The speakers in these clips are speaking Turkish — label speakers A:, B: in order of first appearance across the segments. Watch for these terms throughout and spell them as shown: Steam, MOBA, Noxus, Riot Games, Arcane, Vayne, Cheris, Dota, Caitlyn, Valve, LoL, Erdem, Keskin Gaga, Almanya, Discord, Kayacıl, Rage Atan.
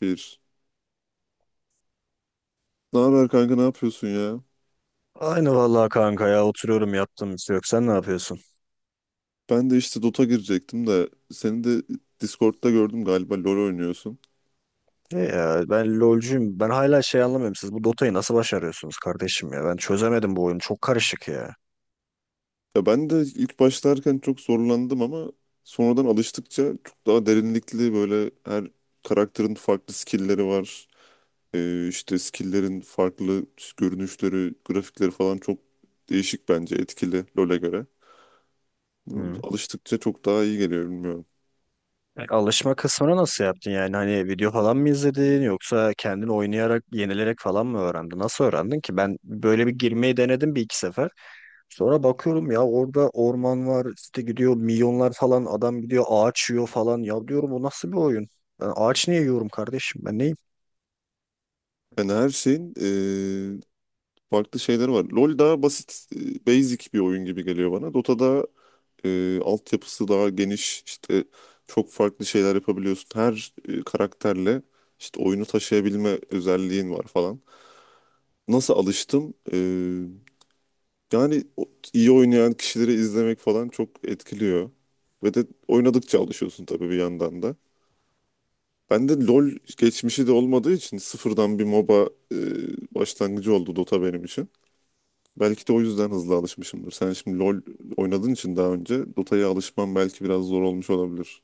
A: Bir. Ne haber kanka, ne yapıyorsun ya?
B: Aynı vallahi kanka ya oturuyorum yaptığım bir şey yok. Sen ne yapıyorsun?
A: Ben de işte Dota girecektim de seni de Discord'da gördüm, galiba LoL oynuyorsun.
B: E ya ben LoL'cuyum. Ben hala şey anlamıyorum. Siz bu Dota'yı nasıl başarıyorsunuz kardeşim ya? Ben çözemedim bu oyunu. Çok karışık ya.
A: Ya ben de ilk başlarken çok zorlandım, ama sonradan alıştıkça çok daha derinlikli, böyle her karakterin farklı skill'leri var. İşte skill'lerin farklı görünüşleri, grafikleri falan çok değişik, bence etkili LoL'e göre. Bilmiyorum,
B: Hı.
A: alıştıkça çok daha iyi geliyor, bilmiyorum.
B: E, alışma kısmını nasıl yaptın yani? Hani video falan mı izledin yoksa kendin oynayarak, yenilerek falan mı öğrendin? Nasıl öğrendin ki? Ben böyle bir girmeyi denedim bir iki sefer. Sonra bakıyorum ya orada orman var işte gidiyor milyonlar falan adam gidiyor ağaç yiyor falan ya diyorum bu nasıl bir oyun? Ben ağaç niye yiyorum kardeşim ben neyim?
A: Yani her şeyin farklı şeyler var. LoL daha basit, basic bir oyun gibi geliyor bana. Dota'da altyapısı daha geniş. İşte çok farklı şeyler yapabiliyorsun. Her karakterle işte oyunu taşıyabilme özelliğin var falan. Nasıl alıştım? Yani iyi oynayan kişileri izlemek falan çok etkiliyor. Ve de oynadıkça alışıyorsun tabii, bir yandan da. Ben de LoL geçmişi de olmadığı için sıfırdan bir MOBA başlangıcı oldu Dota benim için. Belki de o yüzden hızlı alışmışımdır. Sen şimdi LoL oynadığın için daha önce Dota'ya alışman belki biraz zor olmuş olabilir.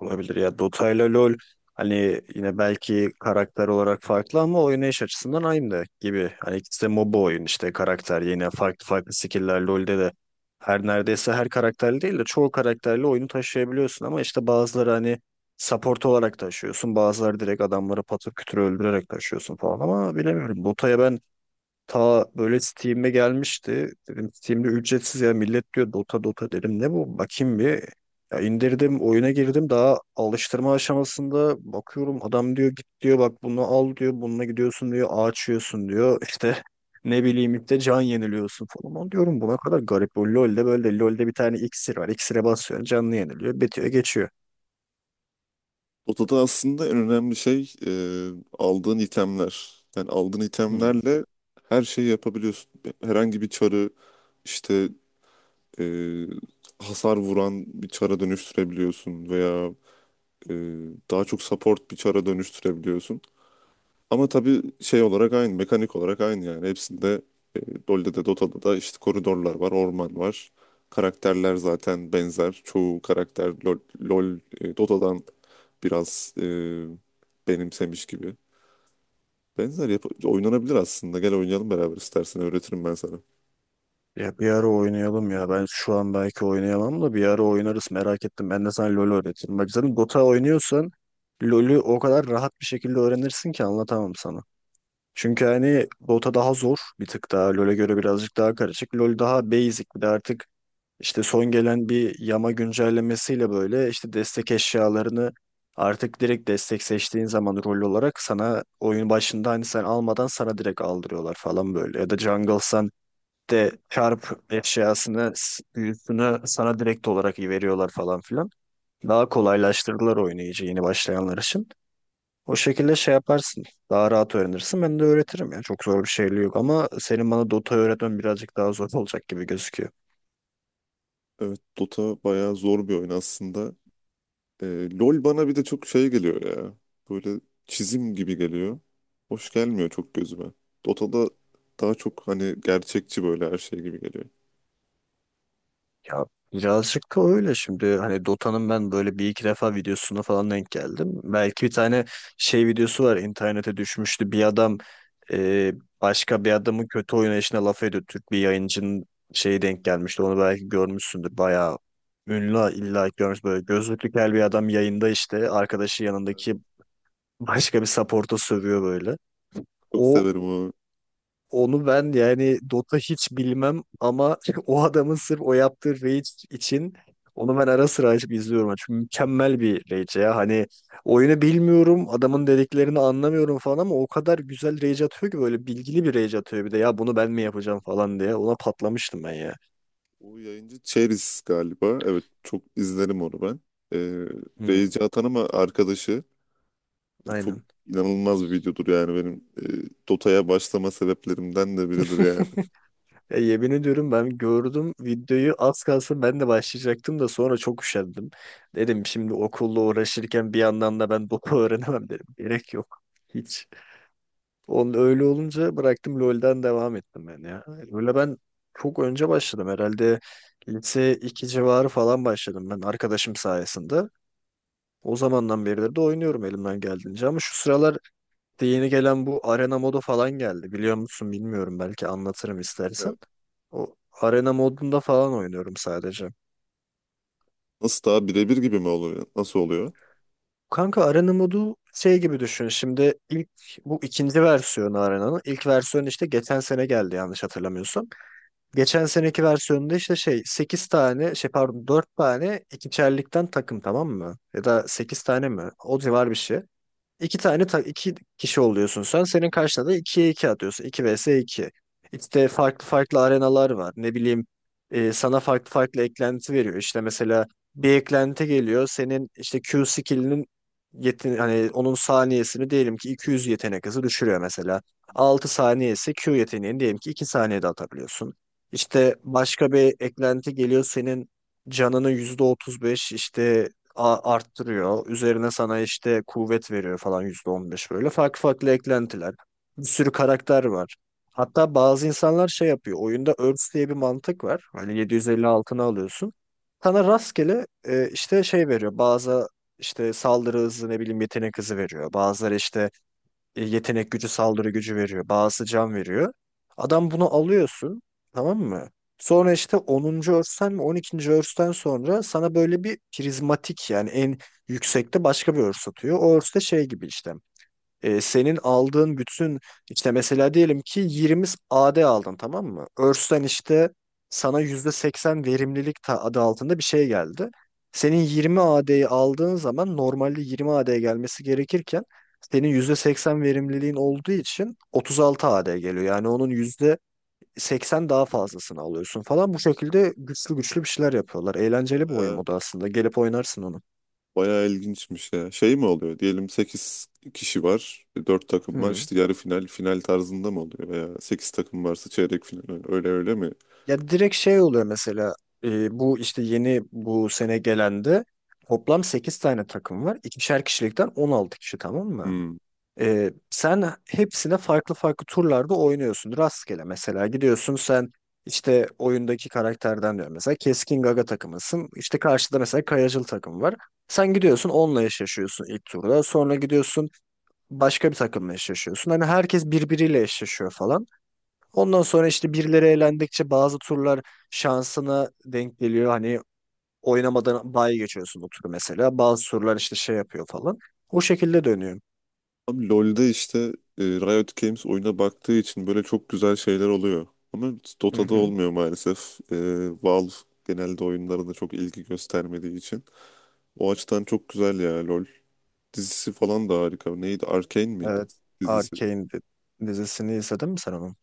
B: Olabilir ya. Dota ile LoL hani yine belki karakter olarak farklı ama oynayış açısından aynı gibi. Hani ikisi de MOBA oyun işte karakter yine farklı farklı skill'ler LoL'de de her neredeyse her karakterli değil de çoğu karakterle oyunu taşıyabiliyorsun ama işte bazıları hani support olarak taşıyorsun. Bazıları direkt adamları patır kütür öldürerek taşıyorsun falan ama bilemiyorum. Dota'ya ben ta böyle Steam'e gelmişti. Dedim Steam'de ücretsiz ya millet diyor Dota Dota dedim ne bu bakayım bir. Ya indirdim oyuna girdim daha alıştırma aşamasında bakıyorum adam diyor git diyor bak bunu al diyor bununla gidiyorsun diyor ağaç yiyorsun diyor işte ne bileyim işte can yeniliyorsun falan. Ama diyorum buna kadar garip bu LoL'de böyle LoL'de bir tane iksir var iksire basıyorsun canlı yeniliyor bitiyor geçiyor.
A: Dota'da aslında en önemli şey aldığın itemler. Yani aldığın
B: Hmm.
A: itemlerle her şeyi yapabiliyorsun. Herhangi bir çarı işte e, hasar vuran bir çara dönüştürebiliyorsun, veya e, daha çok support bir çara dönüştürebiliyorsun. Ama tabii şey olarak aynı, mekanik olarak aynı yani. Hepsinde e, LoL'de de Dota'da da işte koridorlar var, orman var. Karakterler zaten benzer. Çoğu karakter LoL, Dota'dan biraz benimsemiş gibi. Benzer oynanabilir aslında. Gel oynayalım beraber, istersen öğretirim ben sana.
B: Ya bir ara oynayalım ya. Ben şu an belki oynayamam da bir ara oynarız merak ettim. Ben de sana LoL öğretirim. Bak zaten Dota oynuyorsan LoL'ü o kadar rahat bir şekilde öğrenirsin ki anlatamam sana. Çünkü hani Dota daha zor bir tık daha. LoL'e göre birazcık daha karışık. LoL daha basic bir de artık işte son gelen bir yama güncellemesiyle böyle işte destek eşyalarını artık direkt destek seçtiğin zaman rol olarak sana oyun başında hani sen almadan sana direkt aldırıyorlar falan böyle. Ya da jungle'san de çarp eşyasını, büyüsünü sana direkt olarak veriyorlar falan filan. Daha kolaylaştırdılar oyunu iyice yeni başlayanlar için. O şekilde şey yaparsın. Daha rahat öğrenirsin. Ben de öğretirim ya. Çok zor bir şey yok ama senin bana Dota öğretmen birazcık daha zor olacak gibi gözüküyor.
A: Evet, Dota bayağı zor bir oyun aslında. LOL bana bir de çok şey geliyor ya. Böyle çizim gibi geliyor. Hoş gelmiyor çok gözüme. Dota'da daha çok hani gerçekçi, böyle her şey gibi geliyor.
B: Ya birazcık da öyle şimdi hani Dota'nın ben böyle bir iki defa videosuna falan denk geldim. Belki bir tane şey videosu var internete düşmüştü bir adam e, başka bir adamın kötü oynayışına laf ediyor. Türk bir yayıncının şeyi denk gelmişti onu belki görmüşsündür bayağı ünlü illa ki görmüş böyle gözlüklü kel bir adam yayında işte arkadaşı
A: Evet.
B: yanındaki başka bir support'a sövüyor böyle.
A: Çok
B: O
A: severim o.
B: onu ben yani Dota hiç bilmem ama o adamın sırf o yaptığı raid için onu ben ara sıra açıp izliyorum. Çünkü mükemmel bir rage ya. Hani oyunu bilmiyorum, adamın dediklerini anlamıyorum falan ama o kadar güzel rage atıyor ki böyle bilgili bir rage atıyor bir de ya bunu ben mi yapacağım falan diye. Ona patlamıştım ben ya.
A: O yayıncı Cheris galiba. Evet, çok izlerim onu ben. Ee,
B: Hmm,
A: Rage atan ama arkadaşı. Çok
B: aynen.
A: inanılmaz bir videodur yani, benim Dota'ya başlama sebeplerimden de biridir yani.
B: Ya yemin ediyorum ben gördüm videoyu az kalsın ben de başlayacaktım da sonra çok üşendim. Dedim şimdi okulla uğraşırken bir yandan da ben Dota öğrenemem dedim. Gerek yok. Hiç. Onun öyle olunca bıraktım LoL'den devam ettim ben ya. Öyle ben çok önce başladım herhalde lise 2 civarı falan başladım ben arkadaşım sayesinde. O zamandan beridir de oynuyorum elimden geldiğince ama şu sıralar de yeni gelen bu arena modu falan geldi. Biliyor musun bilmiyorum belki anlatırım
A: Evet.
B: istersen. O arena modunda falan oynuyorum sadece.
A: Nasıl, daha birebir gibi mi oluyor? Nasıl oluyor?
B: Kanka arena modu şey gibi düşün. Şimdi ilk bu ikinci versiyonu arenanın. İlk versiyon işte geçen sene geldi yanlış hatırlamıyorsam. Geçen seneki versiyonunda işte şey 8 tane şey pardon 4 tane ikiçerlikten takım tamam mı? Ya da 8 tane mi? O civar bir şey. İki tane iki kişi oluyorsun sen. Senin karşına da 2'ye 2 atıyorsun. İki vs 2. İşte farklı farklı arenalar var. Ne bileyim sana farklı farklı eklenti veriyor. İşte mesela bir eklenti geliyor. Senin işte Q skill'inin yetin hani onun saniyesini diyelim ki 200 yetenek hızı düşürüyor mesela. 6 saniyesi Q yeteneğini diyelim ki 2 saniyede atabiliyorsun. İşte başka bir eklenti geliyor senin canının %35 işte arttırıyor. Üzerine sana işte kuvvet veriyor falan %15 böyle. Farklı farklı eklentiler. Bir sürü karakter var. Hatta bazı insanlar şey yapıyor. Oyunda Earth diye bir mantık var. Hani 750 altını alıyorsun. Sana rastgele işte şey veriyor. Bazı işte saldırı hızı ne bileyim yetenek hızı veriyor. Bazıları işte yetenek gücü, saldırı gücü veriyor. Bazısı can veriyor. Adam bunu alıyorsun, tamam mı? Sonra işte 10'uncu örsten mi 12'nci örsten sonra sana böyle bir prizmatik yani en yüksekte başka bir örs atıyor. O örs de şey gibi işte senin aldığın bütün işte mesela diyelim ki 20 AD aldın tamam mı? Örsten işte sana %80 verimlilik adı altında bir şey geldi. Senin 20 AD'yi aldığın zaman normalde 20 AD gelmesi gerekirken senin %80 verimliliğin olduğu için 36 AD geliyor. Yani onun %80 daha fazlasını alıyorsun falan. Bu şekilde güçlü güçlü bir şeyler yapıyorlar. Eğlenceli bir oyun o da aslında. Gelip oynarsın onu.
A: Bayağı ilginçmiş ya. Şey mi oluyor? Diyelim 8 kişi var, 4 takım var.
B: Hmm.
A: İşte yarı final, final tarzında mı oluyor? Veya 8 takım varsa çeyrek final. Öyle öyle mi?
B: Ya direkt şey oluyor mesela bu işte yeni bu sene gelende toplam 8 tane takım var. İkişer kişilikten 16 kişi tamam mı?
A: Hmm.
B: E, sen hepsine farklı farklı turlarda oynuyorsun. Rastgele mesela gidiyorsun sen işte oyundaki karakterden diyorum mesela Keskin Gaga takımısın. İşte karşıda mesela Kayacıl takım var. Sen gidiyorsun onunla eşleşiyorsun ilk turda. Sonra gidiyorsun başka bir takımla eşleşiyorsun. Hani herkes birbiriyle eşleşiyor falan. Ondan sonra işte birileri elendikçe bazı turlar şansına denk geliyor. Hani oynamadan bay geçiyorsun o turu mesela. Bazı turlar işte şey yapıyor falan. O şekilde dönüyor.
A: Abi LoL'de işte Riot Games oyuna baktığı için böyle çok güzel şeyler oluyor. Ama
B: Hı
A: Dota'da
B: hı.
A: olmuyor maalesef. Valve genelde oyunlarına çok ilgi göstermediği için. O açıdan çok güzel ya LoL. Dizisi falan da harika. Neydi? Arcane miydi
B: Evet.
A: dizisi?
B: Arcane dizisini izledin mi sen onun?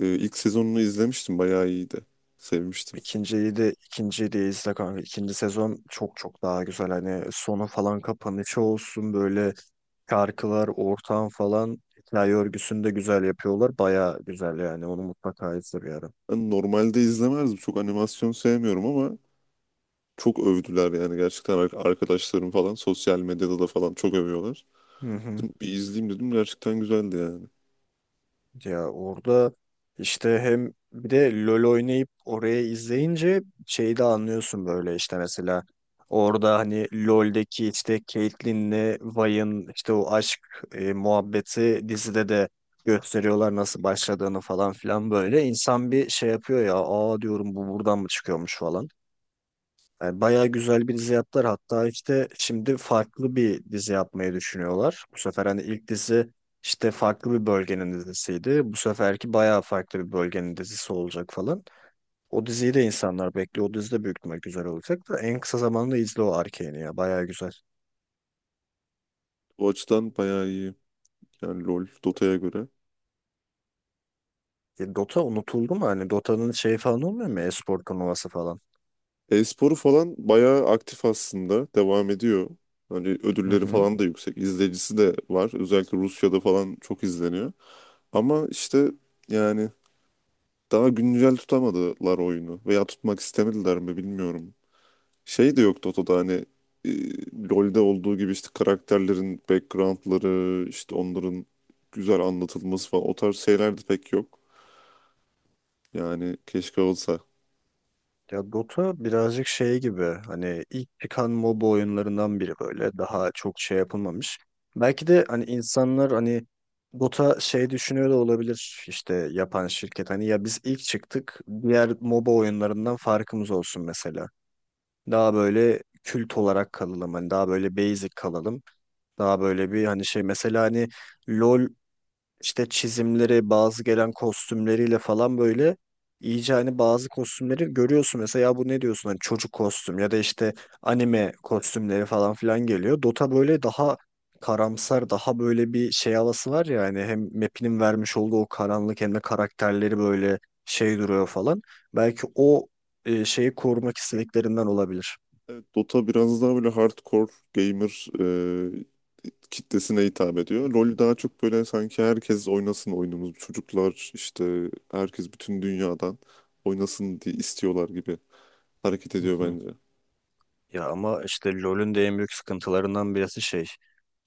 A: İlk sezonunu izlemiştim. Bayağı iyiydi. Sevmiştim.
B: İkinciyi de ikinciyi de izle kanka. İkinci sezon çok çok daha güzel. Hani sonu falan kapanışı olsun böyle şarkılar, ortam falan hikaye örgüsünü de güzel yapıyorlar. Baya güzel yani. Onu mutlaka izle bir ara.
A: Ben normalde izlemezdim. Çok animasyon sevmiyorum, ama çok övdüler yani, gerçekten arkadaşlarım falan sosyal medyada da falan çok övüyorlar.
B: Hı hı.
A: Dedim, bir izleyeyim dedim, gerçekten güzeldi yani.
B: Ya orada işte hem bir de LoL oynayıp oraya izleyince şeyi de anlıyorsun böyle işte mesela orada hani LoL'deki işte Caitlyn'le Vayne'ın işte o aşk muhabbeti dizide de gösteriyorlar nasıl başladığını falan filan böyle insan bir şey yapıyor ya aa diyorum bu buradan mı çıkıyormuş falan. Yani bayağı güzel bir dizi yaptılar. Hatta işte şimdi farklı bir dizi yapmayı düşünüyorlar. Bu sefer hani ilk dizi işte farklı bir bölgenin dizisiydi. Bu seferki bayağı farklı bir bölgenin dizisi olacak falan. O diziyi de insanlar bekliyor. O dizi de büyük ihtimal güzel olacak da en kısa zamanda izle o Arcane'i ya. Bayağı güzel.
A: O açıdan bayağı iyi. Yani LoL, Dota'ya göre.
B: E, Dota unutuldu mu? Hani Dota'nın şeyi falan olmuyor mu? E-spor turnuvası falan.
A: E-sporu falan bayağı aktif aslında. Devam ediyor. Hani
B: Hı
A: ödülleri
B: hı.
A: falan da yüksek. İzleyicisi de var. Özellikle Rusya'da falan çok izleniyor. Ama işte yani daha güncel tutamadılar oyunu. Veya tutmak istemediler mi, bilmiyorum. Şey de yok Toto'da, hani e, LoL'de olduğu gibi işte karakterlerin backgroundları, işte onların güzel anlatılması falan, o tarz şeyler de pek yok. Yani keşke olsa.
B: Ya Dota birazcık şey gibi hani ilk çıkan MOBA oyunlarından biri böyle daha çok şey yapılmamış. Belki de hani insanlar hani Dota şey düşünüyor da olabilir işte yapan şirket hani ya biz ilk çıktık diğer MOBA oyunlarından farkımız olsun mesela. Daha böyle kült olarak kalalım hani daha böyle basic kalalım. Daha böyle bir hani şey mesela hani LoL işte çizimleri, bazı gelen kostümleriyle falan böyle iyice hani bazı kostümleri görüyorsun mesela ya bu ne diyorsun hani çocuk kostüm ya da işte anime kostümleri falan filan geliyor. Dota böyle daha karamsar, daha böyle bir şey havası var ya hani hem map'inin vermiş olduğu o karanlık hem de karakterleri böyle şey duruyor falan. Belki o şeyi korumak istediklerinden olabilir.
A: Evet, Dota biraz daha böyle hardcore gamer kitlesine hitap ediyor. LoL daha çok böyle, sanki herkes oynasın oyunumuz, çocuklar işte herkes bütün dünyadan oynasın diye istiyorlar gibi hareket
B: Hı
A: ediyor
B: hı.
A: bence.
B: Ya ama işte LoL'ün de en büyük sıkıntılarından birisi şey.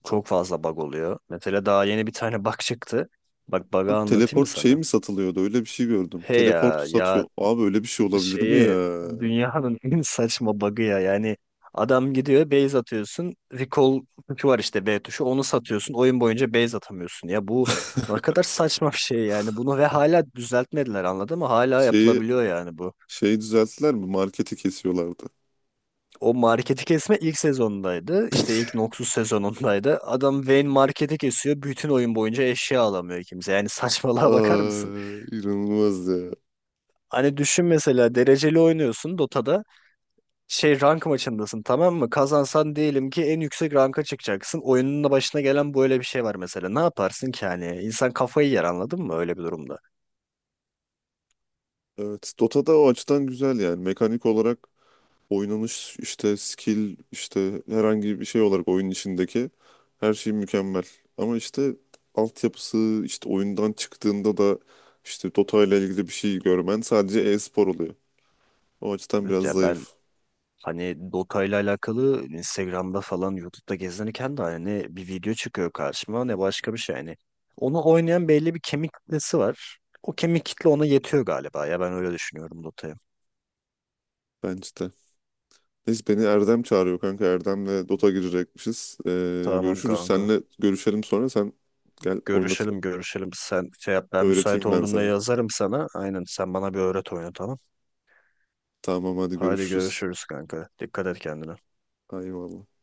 B: Çok fazla bug oluyor. Mesela daha yeni bir tane bug çıktı. Bak bug'ı
A: Abi
B: anlatayım mı
A: teleport şey
B: sana?
A: mi satılıyordu? Öyle bir şey gördüm.
B: He
A: Teleport
B: ya
A: satıyor.
B: ya
A: Abi öyle bir şey olabilir mi ya?
B: şeyi dünyanın en saçma bug'ı ya. Yani adam gidiyor base atıyorsun. Recall tuşu var işte B tuşu. Onu satıyorsun. Oyun boyunca base atamıyorsun. Ya bu ne kadar saçma bir şey yani. Bunu ve hala düzeltmediler anladın mı? Hala
A: Şeyi
B: yapılabiliyor yani bu.
A: şeyi düzelttiler mi? Marketi kesiyorlardı.
B: O marketi kesme ilk sezondaydı. İşte ilk Noxus sezonundaydı. Adam Vayne marketi kesiyor. Bütün oyun boyunca eşya alamıyor kimse. Yani saçmalığa bakar mısın?
A: Ay, inanılmaz ya.
B: Hani düşün mesela dereceli oynuyorsun Dota'da. Şey rank maçındasın tamam mı? Kazansan diyelim ki en yüksek ranka çıkacaksın. Oyunun da başına gelen böyle bir şey var mesela. Ne yaparsın ki hani? İnsan kafayı yer anladın mı öyle bir durumda?
A: Evet, Dota'da o açıdan güzel yani. Mekanik olarak oynanış, işte skill, işte herhangi bir şey olarak oyunun içindeki her şey mükemmel. Ama işte altyapısı, işte oyundan çıktığında da işte Dota ile ilgili bir şey görmen sadece e-spor oluyor. O açıdan
B: Evet,
A: biraz
B: ya ben
A: zayıf
B: hani Dota ile alakalı hani Instagram'da falan YouTube'da gezinirken de hani bir video çıkıyor karşıma ne başka bir şey hani. Onu oynayan belli bir kemik kitlesi var. O kemik kitle ona yetiyor galiba ya ben öyle düşünüyorum Dota'yı.
A: bence. Neyse, beni Erdem çağırıyor kanka. Erdem'le Dota girecekmişiz.
B: Tamam
A: Görüşürüz.
B: kanka.
A: Seninle görüşelim sonra. Sen gel oynatır.
B: Görüşelim görüşelim. Sen şey yap ben müsait
A: Öğreteyim ben
B: olduğumda
A: sana.
B: yazarım sana. Aynen sen bana bir öğret oyunu tamam.
A: Tamam, hadi
B: Hadi
A: görüşürüz.
B: görüşürüz kanka. Dikkat et kendine.
A: Eyvallah.